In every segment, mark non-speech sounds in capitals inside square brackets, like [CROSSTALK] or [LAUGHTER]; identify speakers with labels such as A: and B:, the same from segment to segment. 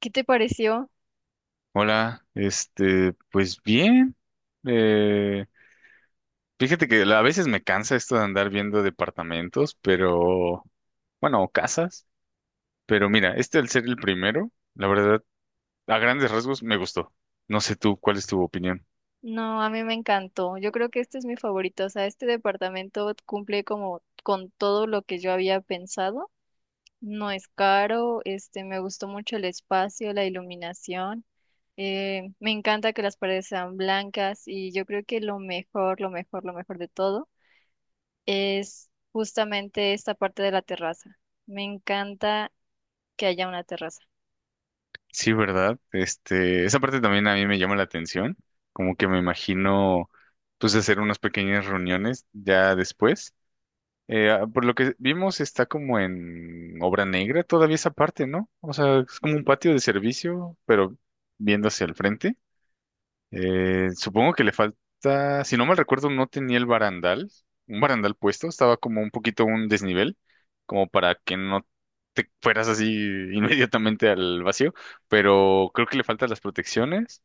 A: ¿Qué te pareció?
B: Hola, pues bien. eh, Fíjate que a veces me cansa esto de andar viendo departamentos, pero bueno, o casas. Pero mira, al ser el primero, la verdad, a grandes rasgos me gustó. No sé tú, ¿cuál es tu opinión?
A: No, a mí me encantó. Yo creo que este es mi favorito. O sea, este departamento cumple como con todo lo que yo había pensado. No es caro, me gustó mucho el espacio, la iluminación. Me encanta que las paredes sean blancas y yo creo que lo mejor, lo mejor, lo mejor de todo es justamente esta parte de la terraza. Me encanta que haya una terraza.
B: Sí, ¿verdad? Esa parte también a mí me llama la atención. Como que me imagino, pues, hacer unas pequeñas reuniones ya después. Ah, por lo que vimos, está como en obra negra todavía esa parte, ¿no? O sea, es como un patio de servicio, pero viendo hacia el frente. Supongo que le falta, si no mal recuerdo, no tenía el barandal, un barandal puesto, estaba como un poquito un desnivel, como para que no te fueras así [LAUGHS] inmediatamente al vacío, pero creo que le faltan las protecciones.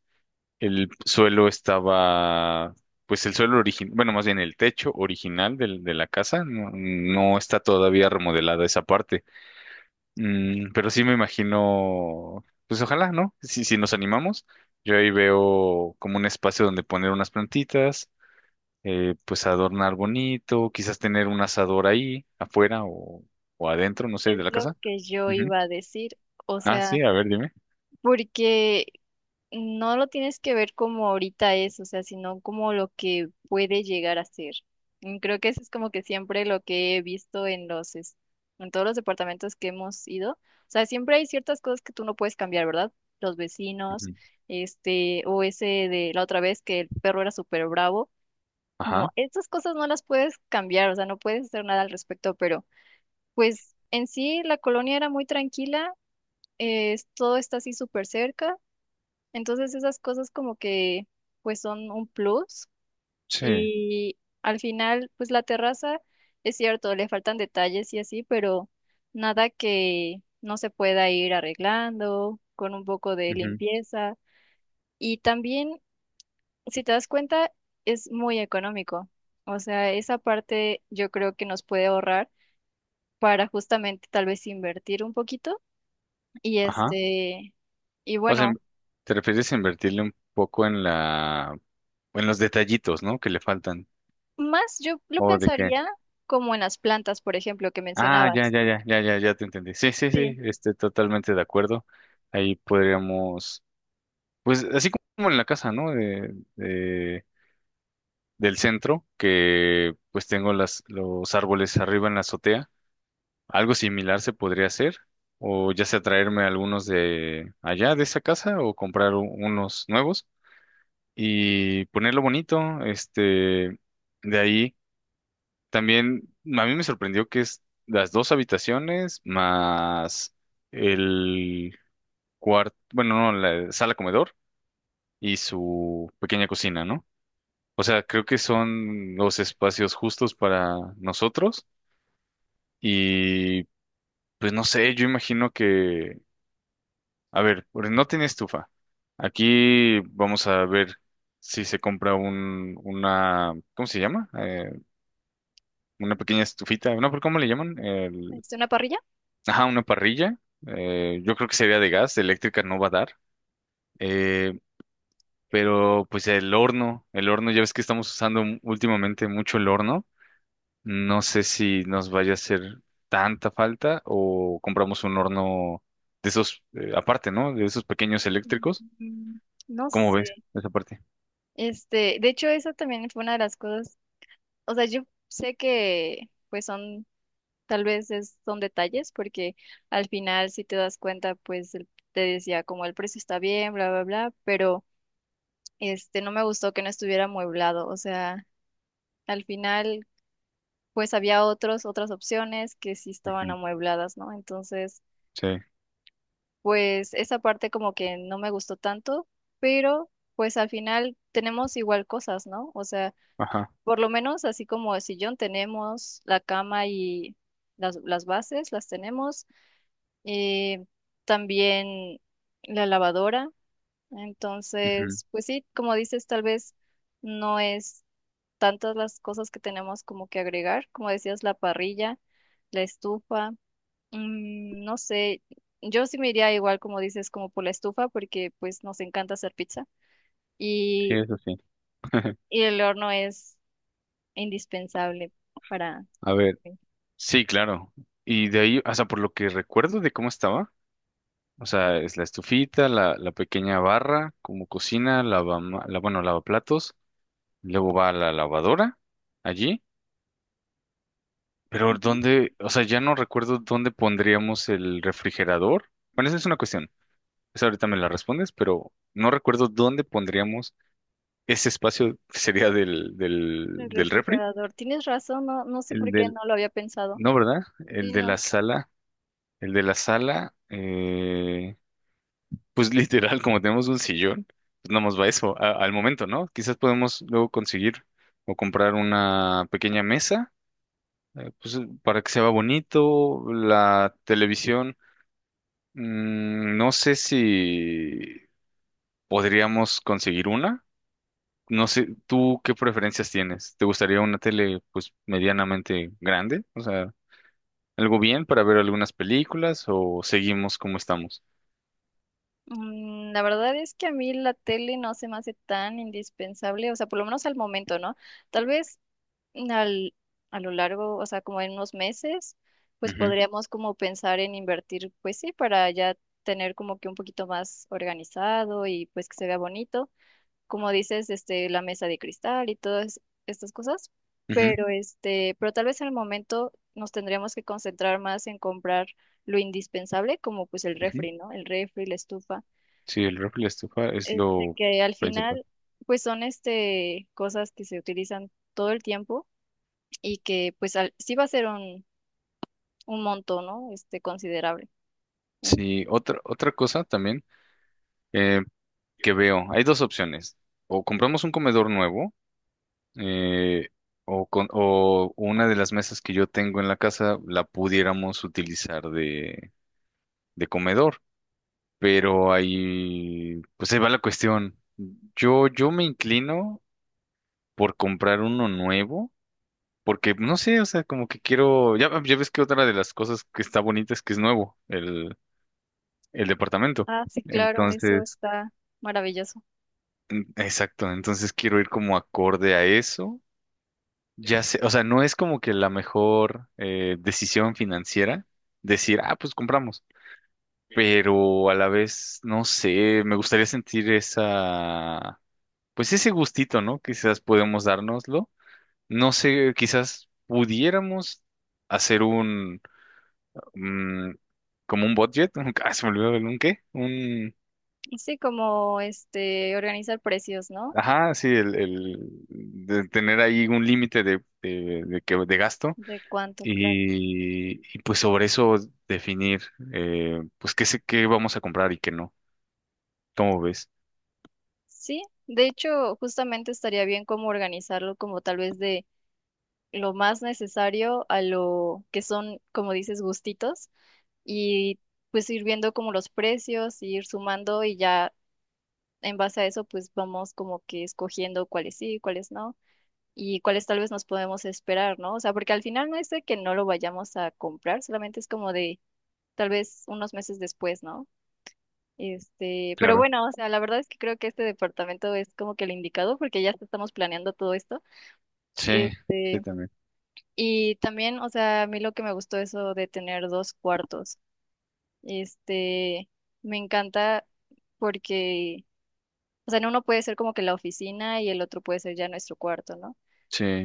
B: El suelo estaba, pues el suelo original, bueno, más bien el techo original de la casa, no, no está todavía remodelada esa parte. Pero sí me imagino, pues ojalá, ¿no? Si nos animamos, yo ahí veo como un espacio donde poner unas plantitas, pues adornar bonito, quizás tener un asador ahí, afuera o adentro, no sé,
A: Es
B: de la
A: lo
B: casa.
A: que yo
B: Ujú.
A: iba a decir. O
B: Ah,
A: sea,
B: sí, a ver, dime.
A: porque no lo tienes que ver como ahorita es, o sea, sino como lo que puede llegar a ser. Y creo que eso es como que siempre lo que he visto en todos los departamentos que hemos ido. O sea, siempre hay ciertas cosas que tú no puedes cambiar, ¿verdad? Los vecinos,
B: Ujú.
A: o ese de la otra vez que el perro era súper bravo. Como
B: Ajá,
A: estas cosas no las puedes cambiar, o sea, no puedes hacer nada al respecto, pero pues en sí la colonia era muy tranquila, todo está así súper cerca. Entonces esas cosas como que pues son un plus
B: sí.
A: y al final pues la terraza es cierto, le faltan detalles y así, pero nada que no se pueda ir arreglando con un poco de
B: Ujú.
A: limpieza y también si te das cuenta es muy económico. O sea, esa parte yo creo que nos puede ahorrar para justamente tal vez invertir un poquito y
B: Ajá. O sea,
A: bueno,
B: te refieres a invertirle un poco en la, en los detallitos, ¿no? Que le faltan.
A: más yo lo
B: ¿O de qué?
A: pensaría como en las plantas, por ejemplo, que
B: Ah, ya,
A: mencionabas.
B: ya, ya, ya, ya, ya te entendí. Sí, sí, sí,
A: Sí.
B: estoy totalmente de acuerdo. Ahí podríamos, pues así como en la casa, ¿no? Del centro, que pues tengo las, los árboles arriba en la azotea. Algo similar se podría hacer. O ya sea traerme algunos de allá de esa casa o comprar unos nuevos y ponerlo bonito. De ahí también a mí me sorprendió que es las dos habitaciones más el cuarto, bueno, no, la sala comedor y su pequeña cocina, ¿no? O sea, creo que son los espacios justos para nosotros y pues no sé, yo imagino que, a ver, porque no tiene estufa. Aquí vamos a ver si se compra un, una, ¿cómo se llama? Una pequeña estufita, ¿no? ¿Por cómo le llaman? El.
A: ¿Una parrilla?
B: Ajá, una parrilla. Yo creo que sería de gas, de eléctrica no va a dar. Eh, pero pues el horno, ya ves que estamos usando últimamente mucho el horno. No sé si nos vaya a hacer tanta falta o compramos un horno de esos, aparte, ¿no? De esos pequeños eléctricos.
A: Mm, no
B: ¿Cómo
A: sé.
B: ves esa parte?
A: De hecho, eso también fue una de las cosas. O sea, yo sé que pues son, tal vez son detalles, porque al final, si te das cuenta, pues te decía como el precio está bien, bla, bla, bla, pero no me gustó que no estuviera amueblado. O sea, al final, pues había otros, otras opciones que sí estaban
B: Ujú.
A: amuebladas, ¿no? Entonces.
B: Sí,
A: pues esa parte como que no me gustó tanto, pero pues al final tenemos igual cosas, ¿no? O sea,
B: ajá.
A: por lo menos así como el sillón tenemos, la cama y las bases las tenemos, eh, también la lavadora,
B: Ujú.
A: entonces, pues sí, como dices, tal vez no es tantas las cosas que tenemos como que agregar, como decías, la parrilla, la estufa. Mm, no sé, yo sí me iría igual como dices, como por la estufa, porque pues nos encanta hacer pizza
B: Sí,
A: y,
B: eso sí. [LAUGHS]
A: y el horno es indispensable para.
B: A ver. Sí, claro. Y de ahí, o sea, por lo que recuerdo de cómo estaba. O sea, es la estufita, la pequeña barra, como cocina, lava, la, bueno, lavaplatos, luego va a la lavadora allí, pero
A: Ujú.
B: ¿dónde? O sea, ya no recuerdo dónde pondríamos el refrigerador. Bueno, esa es una cuestión, esa ahorita me la respondes, pero no recuerdo dónde pondríamos ese espacio, que sería del, del,
A: El
B: del refri,
A: refrigerador. Tienes razón, no, no sé
B: el
A: por qué
B: del,
A: no lo había pensado.
B: no, ¿verdad?
A: Sí,
B: El de
A: no.
B: la sala, el de la sala, pues [LAUGHS] literal, como tenemos un sillón, pues nada más va eso, al momento, ¿no? Quizás podemos luego conseguir o comprar una pequeña mesa, pues para que se vea bonito, la televisión. No sé si podríamos conseguir una, no sé, ¿tú qué preferencias tienes? ¿Te gustaría una tele pues medianamente grande? O sea, ¿algo bien para ver algunas películas o seguimos como estamos?
A: Mm, la verdad es que a mí la tele no se me hace tan indispensable, o sea, por lo menos al momento, ¿no? Tal vez al- a lo largo, o sea, como en unos meses, pues
B: Ujú,
A: podríamos como pensar en invertir, pues sí, para ya tener como que un poquito más organizado y pues que se vea bonito, como dices, la mesa de cristal y todas estas cosas,
B: ujú,
A: pero pero tal vez en el momento nos tendríamos que concentrar más en comprar lo indispensable, como pues el
B: ujú.
A: refri, ¿no? El refri, la estufa,
B: Sí, el refri y la estufa es lo
A: que al
B: principal.
A: final, pues son cosas que se utilizan todo el tiempo y que pues sí va a ser un monto, ¿no? Considerable. En-
B: Sí, otra cosa también, eh, que veo, hay dos opciones, o compramos un comedor nuevo, eh, o, con, o una de las mesas que yo tengo en la casa la pudiéramos utilizar de comedor, pero ahí, pues ahí va la cuestión. Yo me inclino por comprar uno nuevo, porque no sé, o sea, como que quiero, ya, ya ves que otra de las cosas que está bonita es que es nuevo, el departamento.
A: Ah, sí, claro, eso
B: Entonces.
A: está maravilloso.
B: Exacto, entonces quiero ir como acorde a eso. Ya sé, o sea, no es como que la mejor, decisión financiera decir, ah, pues compramos, pero a la vez, no sé, me gustaría sentir esa, pues ese gustito, ¿no? Quizás podemos dárnoslo. No sé, quizás pudiéramos hacer un, mm, como un budget, [LAUGHS] ah, se me olvidó el un qué, un,
A: Y sí, como organizar precios, ¿no?
B: ajá, sí, el de tener ahí un límite de gasto,
A: De cuánto, claro.
B: y, pues sobre eso definir, pues qué vamos a comprar y qué no. ¿Cómo ves?
A: Sí, de hecho, justamente estaría bien como organizarlo como tal vez de lo más necesario a lo que son, como dices, gustitos y pues ir viendo como los precios, ir sumando y ya en base a eso pues vamos como que escogiendo cuáles sí, cuáles no y cuáles tal vez nos podemos esperar, ¿no? O sea, porque al final no es de que no lo vayamos a comprar, solamente es como de tal vez unos meses después, ¿no? Pero
B: Claro.
A: bueno, o sea, la verdad es que creo que este departamento es como que el indicado porque ya estamos planeando todo esto.
B: Sí, sí
A: Este,
B: también.
A: y también, o sea, a mí lo que me gustó eso de tener dos cuartos. Este, me encanta porque, o sea, en uno puede ser como que la oficina y el otro puede ser ya nuestro cuarto, ¿no?
B: Sí,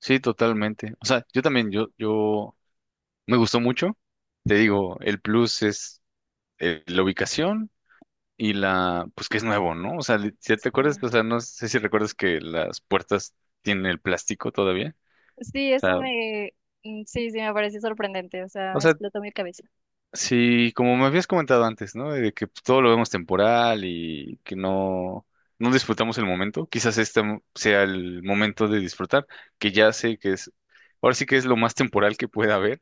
B: sí, totalmente. O sea, yo también, yo me gustó mucho. Te digo, el plus es, la ubicación y la, pues que es nuevo, ¿no? O sea, si te acuerdas, o
A: Sí.
B: sea, no sé si recuerdas que las puertas tienen el plástico todavía.
A: Sí,
B: O sea,
A: sí, sí, me parece sorprendente, o
B: o
A: sea,
B: sea,
A: explotó mi cabeza.
B: sí, como me habías comentado antes, ¿no? De que pues, todo lo vemos temporal y que no, no disfrutamos el momento. Quizás este sea el momento de disfrutar, que ya sé que es, ahora sí que es lo más temporal que pueda haber,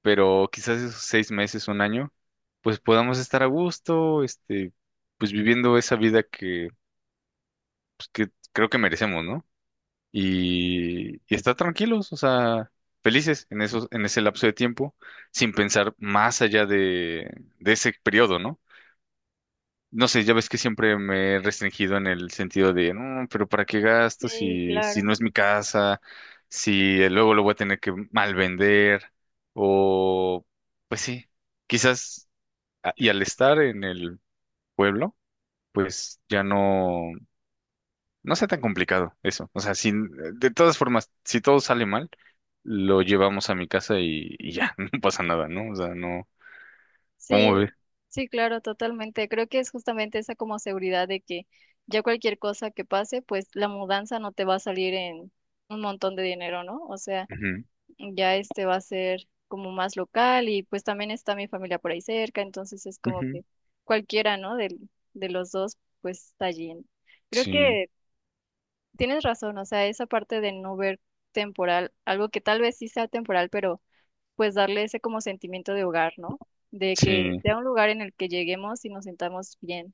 B: pero quizás esos 6 meses, un año, pues podamos estar a gusto, pues viviendo esa vida que, pues, que creo que merecemos, ¿no? Y estar tranquilos, o sea, felices en esos, en ese lapso de tiempo, sin pensar más allá de ese periodo, ¿no? No sé, ya ves que siempre me he restringido en el sentido de, no, pero ¿para qué gasto
A: Sí,
B: si
A: claro.
B: no es mi casa? Si luego lo voy a tener que mal vender, o pues sí, quizás, y al estar en el pueblo, pues ya no. No sea tan complicado eso. O sea, sin, de todas formas, si todo sale mal, lo llevamos a mi casa y ya, [LAUGHS] no pasa nada, ¿no? O sea, no. ¿Cómo
A: Sí,
B: ve?
A: sí, claro, totalmente. Creo que es justamente esa como seguridad de que ya cualquier cosa que pase, pues la mudanza no te va a salir en un montón de dinero, ¿no? O sea,
B: Ujú,
A: ya va a ser como más local y pues también está mi familia por ahí cerca, entonces es como
B: ujú,
A: que cualquiera, ¿no? De, los dos, pues está allí, ¿no? Creo
B: sí,
A: que Tienes razón, o sea, esa parte de no ver temporal, algo que tal vez sí sea temporal, pero pues darle ese como sentimiento de hogar, ¿no? De que
B: sí,
A: sea un lugar en el que lleguemos y nos sintamos bien.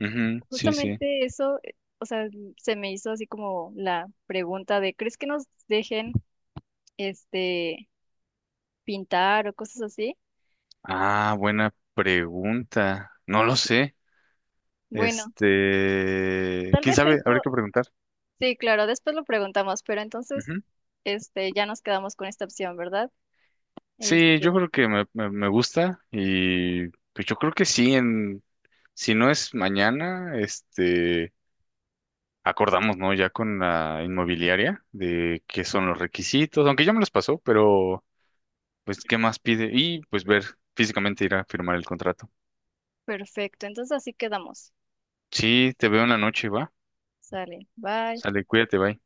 B: ujú, sí, sí.
A: Justamente eso, o sea, se me hizo así como la pregunta de, ¿crees que nos dejen este pintar o cosas así?
B: Ah, buena pregunta. No lo sé.
A: Bueno,
B: Este,
A: tal
B: quién
A: vez
B: sabe, habría
A: eso,
B: que preguntar.
A: sí, claro, después lo preguntamos, pero entonces
B: Ujú.
A: ya nos quedamos con esta opción, ¿verdad?
B: Sí, yo
A: Este,
B: creo que me gusta y pues yo creo que sí, en, si no es mañana. Acordamos, ¿no? Ya con la inmobiliaria de qué son los requisitos, aunque ya me los pasó, pero pues qué más pide y pues ver físicamente ir a firmar el contrato.
A: perfecto, entonces así quedamos.
B: Sí, te veo en la noche, va.
A: Sale, bye.
B: Sale, cuídate, bye.